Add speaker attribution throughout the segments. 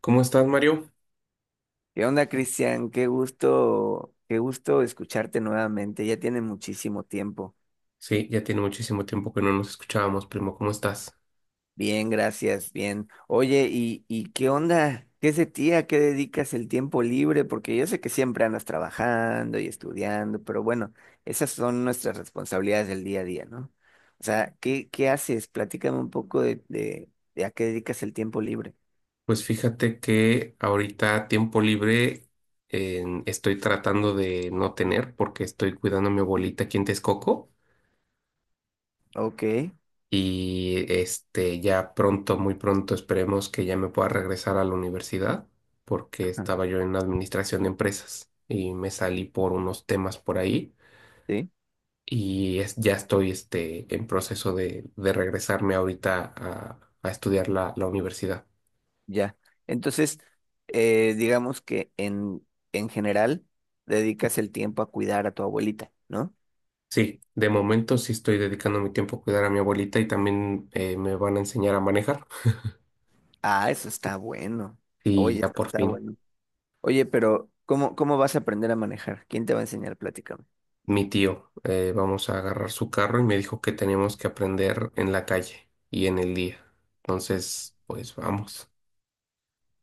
Speaker 1: ¿Cómo estás, Mario?
Speaker 2: ¿Qué onda, Cristian? Qué gusto escucharte nuevamente. Ya tiene muchísimo tiempo.
Speaker 1: Sí, ya tiene muchísimo tiempo que no nos escuchábamos, primo. ¿Cómo estás?
Speaker 2: Bien, gracias, bien. Oye, ¿y qué onda? ¿Qué es de ti? ¿A qué dedicas el tiempo libre? Porque yo sé que siempre andas trabajando y estudiando, pero bueno, esas son nuestras responsabilidades del día a día, ¿no? O sea, ¿qué haces? Platícame un poco de a qué dedicas el tiempo libre.
Speaker 1: Pues fíjate que ahorita a tiempo libre estoy tratando de no tener porque estoy cuidando a mi abuelita aquí en Texcoco
Speaker 2: Ok.
Speaker 1: y este ya pronto, muy pronto esperemos que ya me pueda regresar a la universidad porque
Speaker 2: Ah,
Speaker 1: estaba yo en administración de empresas y me salí por unos temas por ahí
Speaker 2: sí.
Speaker 1: y ya estoy este, en proceso de regresarme ahorita a estudiar la universidad.
Speaker 2: Ya. Entonces, digamos que en general dedicas el tiempo a cuidar a tu abuelita, ¿no?
Speaker 1: Sí, de momento sí estoy dedicando mi tiempo a cuidar a mi abuelita y también me van a enseñar a manejar.
Speaker 2: Ah, eso está bueno.
Speaker 1: Y
Speaker 2: Oye,
Speaker 1: ya
Speaker 2: eso
Speaker 1: por
Speaker 2: está
Speaker 1: fin,
Speaker 2: bueno. Oye, pero ¿cómo vas a aprender a manejar? ¿Quién te va a enseñar? Platícame.
Speaker 1: mi tío, vamos a agarrar su carro y me dijo que tenemos que aprender en la calle y en el día. Entonces, pues vamos.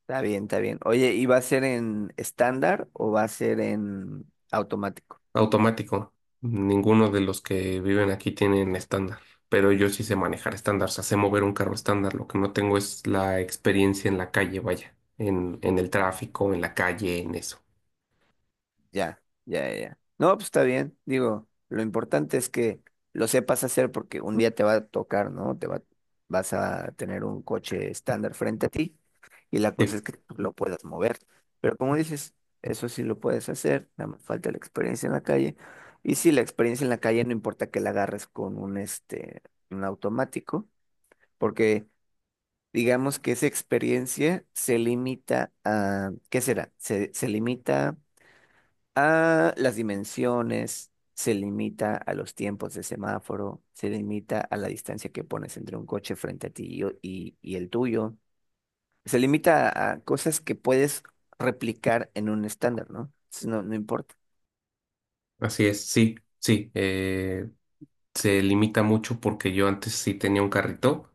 Speaker 2: Está bien, está bien. Oye, ¿y va a ser en estándar o va a ser en automático?
Speaker 1: Automático. Ninguno de los que viven aquí tienen estándar, pero yo sí sé manejar estándar, o sea, sé mover un carro estándar. Lo que no tengo es la experiencia en la calle, vaya, en el tráfico, en la calle, en eso.
Speaker 2: Ya, ya, ya, ya. No, pues está bien. Digo, lo importante es que lo sepas hacer porque un día te va a tocar, ¿no? Vas a tener un coche estándar frente a ti y la cosa
Speaker 1: Sí,
Speaker 2: es que tú lo puedas mover. Pero como dices, eso sí lo puedes hacer, nada más falta la experiencia en la calle. Y sí, la experiencia en la calle no importa que la agarres con un, este, un automático, porque digamos que esa experiencia se limita a, ¿qué será? Se limita a las dimensiones, se limita a los tiempos de semáforo, se limita a la distancia que pones entre un coche frente a ti y el tuyo, se limita a cosas que puedes replicar en un estándar, ¿no? Entonces, no, no importa.
Speaker 1: así es, sí, sí. Se limita mucho porque yo antes sí tenía un carrito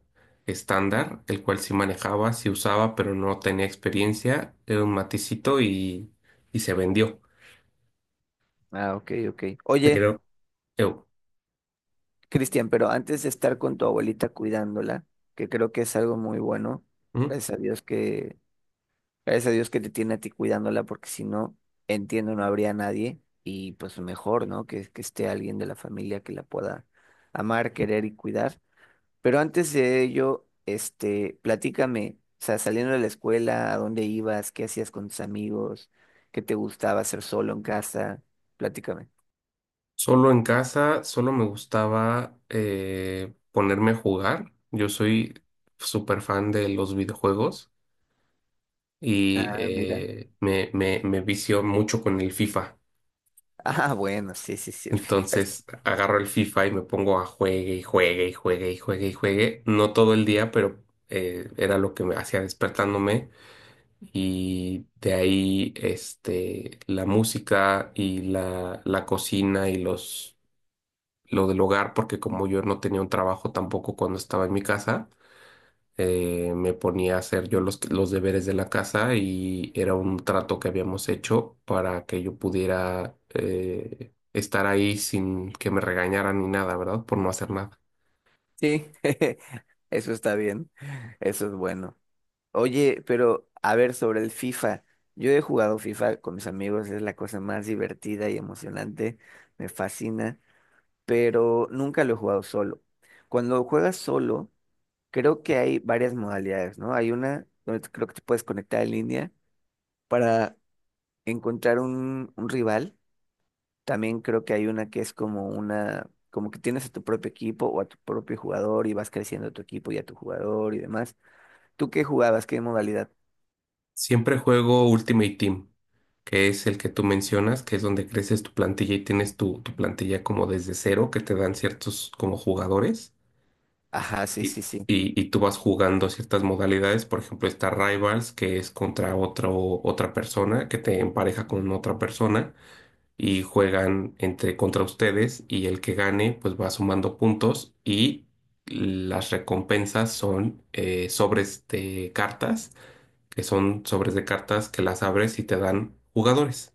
Speaker 1: estándar, el cual sí manejaba, sí usaba, pero no tenía experiencia. Era un maticito y se vendió.
Speaker 2: Ah, ok, ok. Oye,
Speaker 1: Pero, eu,
Speaker 2: Cristian, pero antes de estar con tu abuelita cuidándola, que creo que es algo muy bueno,
Speaker 1: ¿mm?
Speaker 2: gracias a Dios gracias a Dios que te tiene a ti cuidándola, porque si no, entiendo, no habría nadie. Y pues mejor, ¿no? Que esté alguien de la familia que la pueda amar, querer y cuidar. Pero antes de ello, este, platícame, o sea, saliendo de la escuela, ¿a dónde ibas? ¿Qué hacías con tus amigos? ¿Qué te gustaba hacer solo en casa? Platícame.
Speaker 1: Solo en casa, solo me gustaba ponerme a jugar. Yo soy súper fan de los videojuegos y
Speaker 2: Ah, mira.
Speaker 1: me vicio mucho con el FIFA.
Speaker 2: Ah, bueno, sí, sí, sí. El FIFA es-
Speaker 1: Entonces agarro el FIFA y me pongo a juegue y juegue y juegue y juegue y juegue. No todo el día, pero era lo que me hacía despertándome. Y de ahí este, la música y la cocina y los lo del hogar, porque como yo no tenía un trabajo tampoco cuando estaba en mi casa, me ponía a hacer yo los deberes de la casa y era un trato que habíamos hecho para que yo pudiera estar ahí sin que me regañaran ni nada, ¿verdad? Por no hacer nada.
Speaker 2: Sí. Eso está bien. Eso es bueno. Oye, pero a ver, sobre el FIFA. Yo he jugado FIFA con mis amigos, es la cosa más divertida y emocionante, me fascina, pero nunca lo he jugado solo. Cuando juegas solo, creo que hay varias modalidades, ¿no? Hay una donde creo que te puedes conectar en línea para encontrar un rival. También creo que hay una que es como una, como que tienes a tu propio equipo o a tu propio jugador y vas creciendo a tu equipo y a tu jugador y demás. ¿Tú qué jugabas? ¿Qué modalidad?
Speaker 1: Siempre juego Ultimate Team, que es el que tú mencionas, que es donde creces tu plantilla y tienes tu plantilla como desde cero, que te dan ciertos como jugadores.
Speaker 2: Ajá, sí,
Speaker 1: Y,
Speaker 2: sí, sí.
Speaker 1: y tú vas jugando ciertas modalidades, por ejemplo, está Rivals, que es contra otro, otra persona, que te empareja con otra persona y juegan entre contra ustedes y el que gane pues va sumando puntos y las recompensas son sobres de cartas, que son sobres de cartas que las abres y te dan jugadores.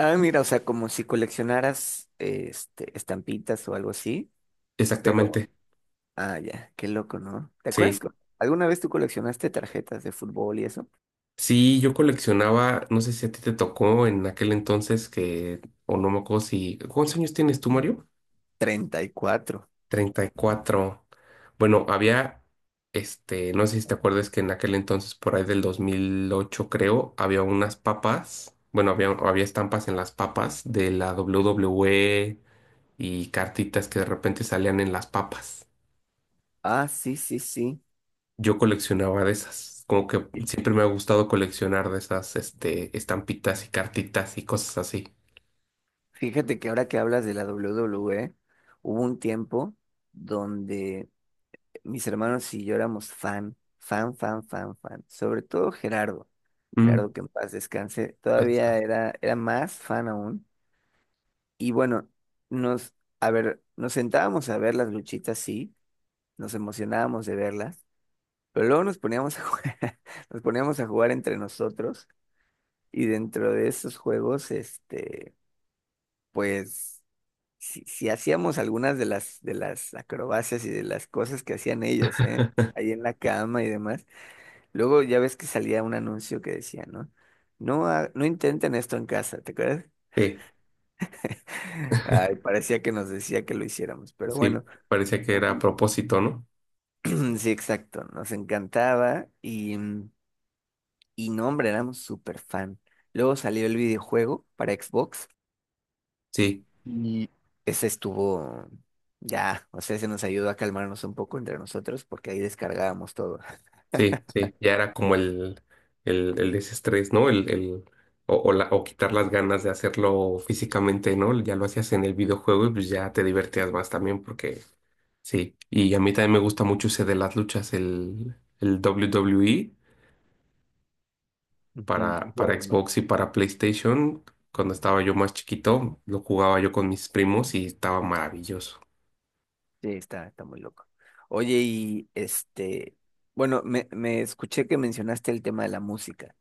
Speaker 2: Ah, mira, o sea, como si coleccionaras este, estampitas o algo así, pero,
Speaker 1: Exactamente.
Speaker 2: ah, ya, qué loco, ¿no? ¿Te acuerdas?
Speaker 1: Sí.
Speaker 2: Cu- ¿alguna vez tú coleccionaste tarjetas de fútbol y eso?
Speaker 1: Sí, yo coleccionaba, no sé si a ti te tocó en aquel entonces que, o no me acuerdo si, ¿cuántos años tienes tú, Mario?
Speaker 2: 34.
Speaker 1: 34. Bueno, había, este, no sé si te acuerdas que en aquel entonces, por ahí del 2008 creo, había unas papas, bueno, había estampas en las papas de la W WWE y cartitas que de repente salían en las papas.
Speaker 2: Ah, sí, sí, sí.
Speaker 1: Yo coleccionaba de esas, como que siempre me ha gustado coleccionar de esas, este, estampitas y cartitas y cosas así.
Speaker 2: Fíjate que ahora que hablas de la WWE, hubo un tiempo donde mis hermanos y yo éramos fan, fan, fan, fan, fan. Sobre todo Gerardo.
Speaker 1: Mm,
Speaker 2: Gerardo, que en paz descanse,
Speaker 1: paz
Speaker 2: todavía
Speaker 1: descanse.
Speaker 2: era, era más fan aún. Y bueno, nos, a ver, nos sentábamos a ver las luchitas, sí, nos emocionábamos de verlas, pero luego nos poníamos a jugar, nos poníamos a jugar entre nosotros y dentro de esos juegos, este, pues, si, si hacíamos algunas de las acrobacias y de las cosas que hacían ellos, ¿eh? Ahí en la cama y demás. Luego ya ves que salía un anuncio que decía, ¿no? No, ha- no intenten esto en casa, ¿te acuerdas?
Speaker 1: Sí,
Speaker 2: Ay, parecía que nos decía que lo hiciéramos, pero
Speaker 1: sí,
Speaker 2: bueno.
Speaker 1: parecía que era a propósito, ¿no?
Speaker 2: Sí, exacto, nos encantaba y, y no, hombre, éramos súper fan. Luego salió el videojuego para Xbox
Speaker 1: Sí,
Speaker 2: y ese estuvo ya, o sea, se nos ayudó a calmarnos un poco entre nosotros porque ahí descargábamos todo.
Speaker 1: sí, sí, ya era como el desestrés, ¿no? O, o, o quitar las ganas de hacerlo físicamente, ¿no? Ya lo hacías en el videojuego y pues ya te divertías más también porque sí. Y a mí también me gusta mucho ese de las luchas, el WWE
Speaker 2: Ujú. El
Speaker 1: para
Speaker 2: juego, ¿no?
Speaker 1: Xbox y para PlayStation. Cuando estaba yo más chiquito, lo jugaba yo con mis primos y estaba maravilloso.
Speaker 2: Sí, está, está muy loco. Oye, y este, bueno, me escuché que mencionaste el tema de la música.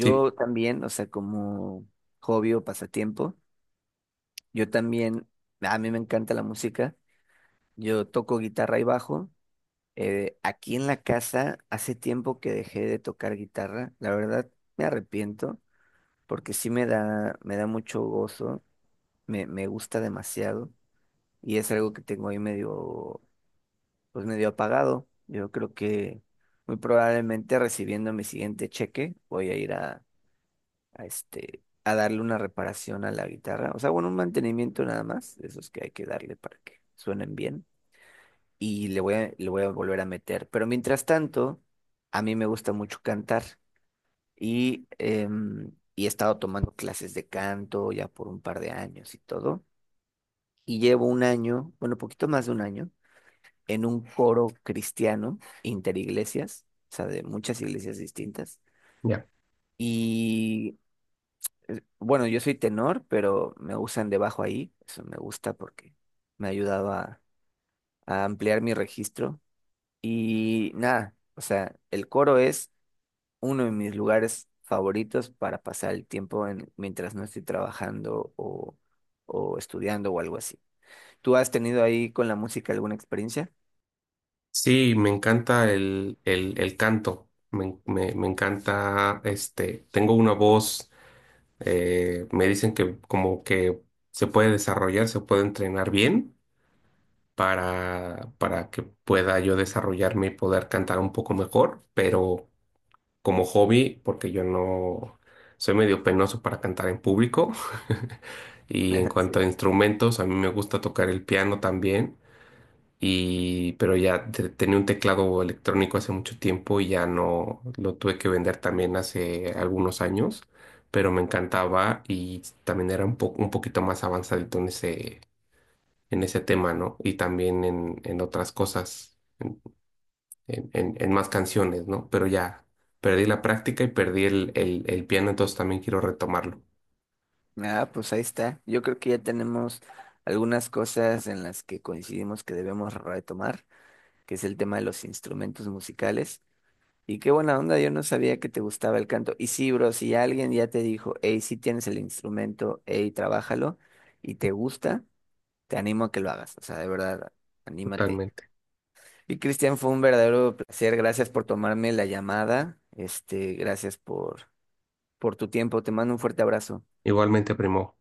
Speaker 1: Sí.
Speaker 2: también, o sea, como hobby o pasatiempo, yo también, a mí me encanta la música. Yo toco guitarra y bajo. Aquí en la casa hace tiempo que dejé de tocar guitarra. La verdad me arrepiento porque sí me da mucho gozo, me gusta demasiado y es algo que tengo ahí medio, pues medio apagado. Yo creo que muy probablemente recibiendo mi siguiente cheque voy a ir a este, a darle una reparación a la guitarra. O sea, bueno, un mantenimiento nada más, de esos que hay que darle para que suenen bien. Y le voy a volver a meter. Pero mientras tanto, a mí me gusta mucho cantar y, y he estado tomando clases de canto ya por un par de años y todo. Y llevo un año, bueno, poquito más de un año, en un coro cristiano interiglesias, o sea, de muchas iglesias distintas.
Speaker 1: Ya.
Speaker 2: Y bueno, yo soy tenor, pero me usan de bajo ahí, eso me gusta porque me ha ayudado a ampliar mi registro. Y nada, o sea, el coro es uno de mis lugares favoritos para pasar el tiempo en- mientras no estoy trabajando o estudiando o algo así. ¿Tú has tenido ahí con la música alguna experiencia?
Speaker 1: Sí, me encanta el canto, me encanta, este, tengo una voz, me dicen que como que se puede desarrollar, se puede entrenar bien para que pueda yo desarrollarme y poder cantar un poco mejor, pero como hobby, porque yo no soy medio penoso para cantar en público. Y en cuanto a
Speaker 2: Sí.
Speaker 1: instrumentos, a mí me gusta tocar el piano también y pero ya tenía un teclado electrónico hace mucho tiempo y ya no lo tuve que vender también hace algunos años, pero me encantaba y también era un poco un poquito más avanzadito en ese tema, ¿no? Y también en otras cosas, en, en más canciones, ¿no? Pero ya perdí la práctica y perdí el piano, entonces también quiero retomarlo.
Speaker 2: Ah, pues ahí está. Yo creo que ya tenemos algunas cosas en las que coincidimos que debemos retomar, que es el tema de los instrumentos musicales. Y qué buena onda, yo no sabía que te gustaba el canto. Y sí, bro, si alguien ya te dijo, hey, sí tienes el instrumento, hey, trabájalo, y te gusta, te animo a que lo hagas. O sea, de verdad, anímate.
Speaker 1: Totalmente.
Speaker 2: Y Cristian, fue un verdadero placer. Gracias por tomarme la llamada. Este, gracias por tu tiempo. Te mando un fuerte abrazo.
Speaker 1: Igualmente, primo.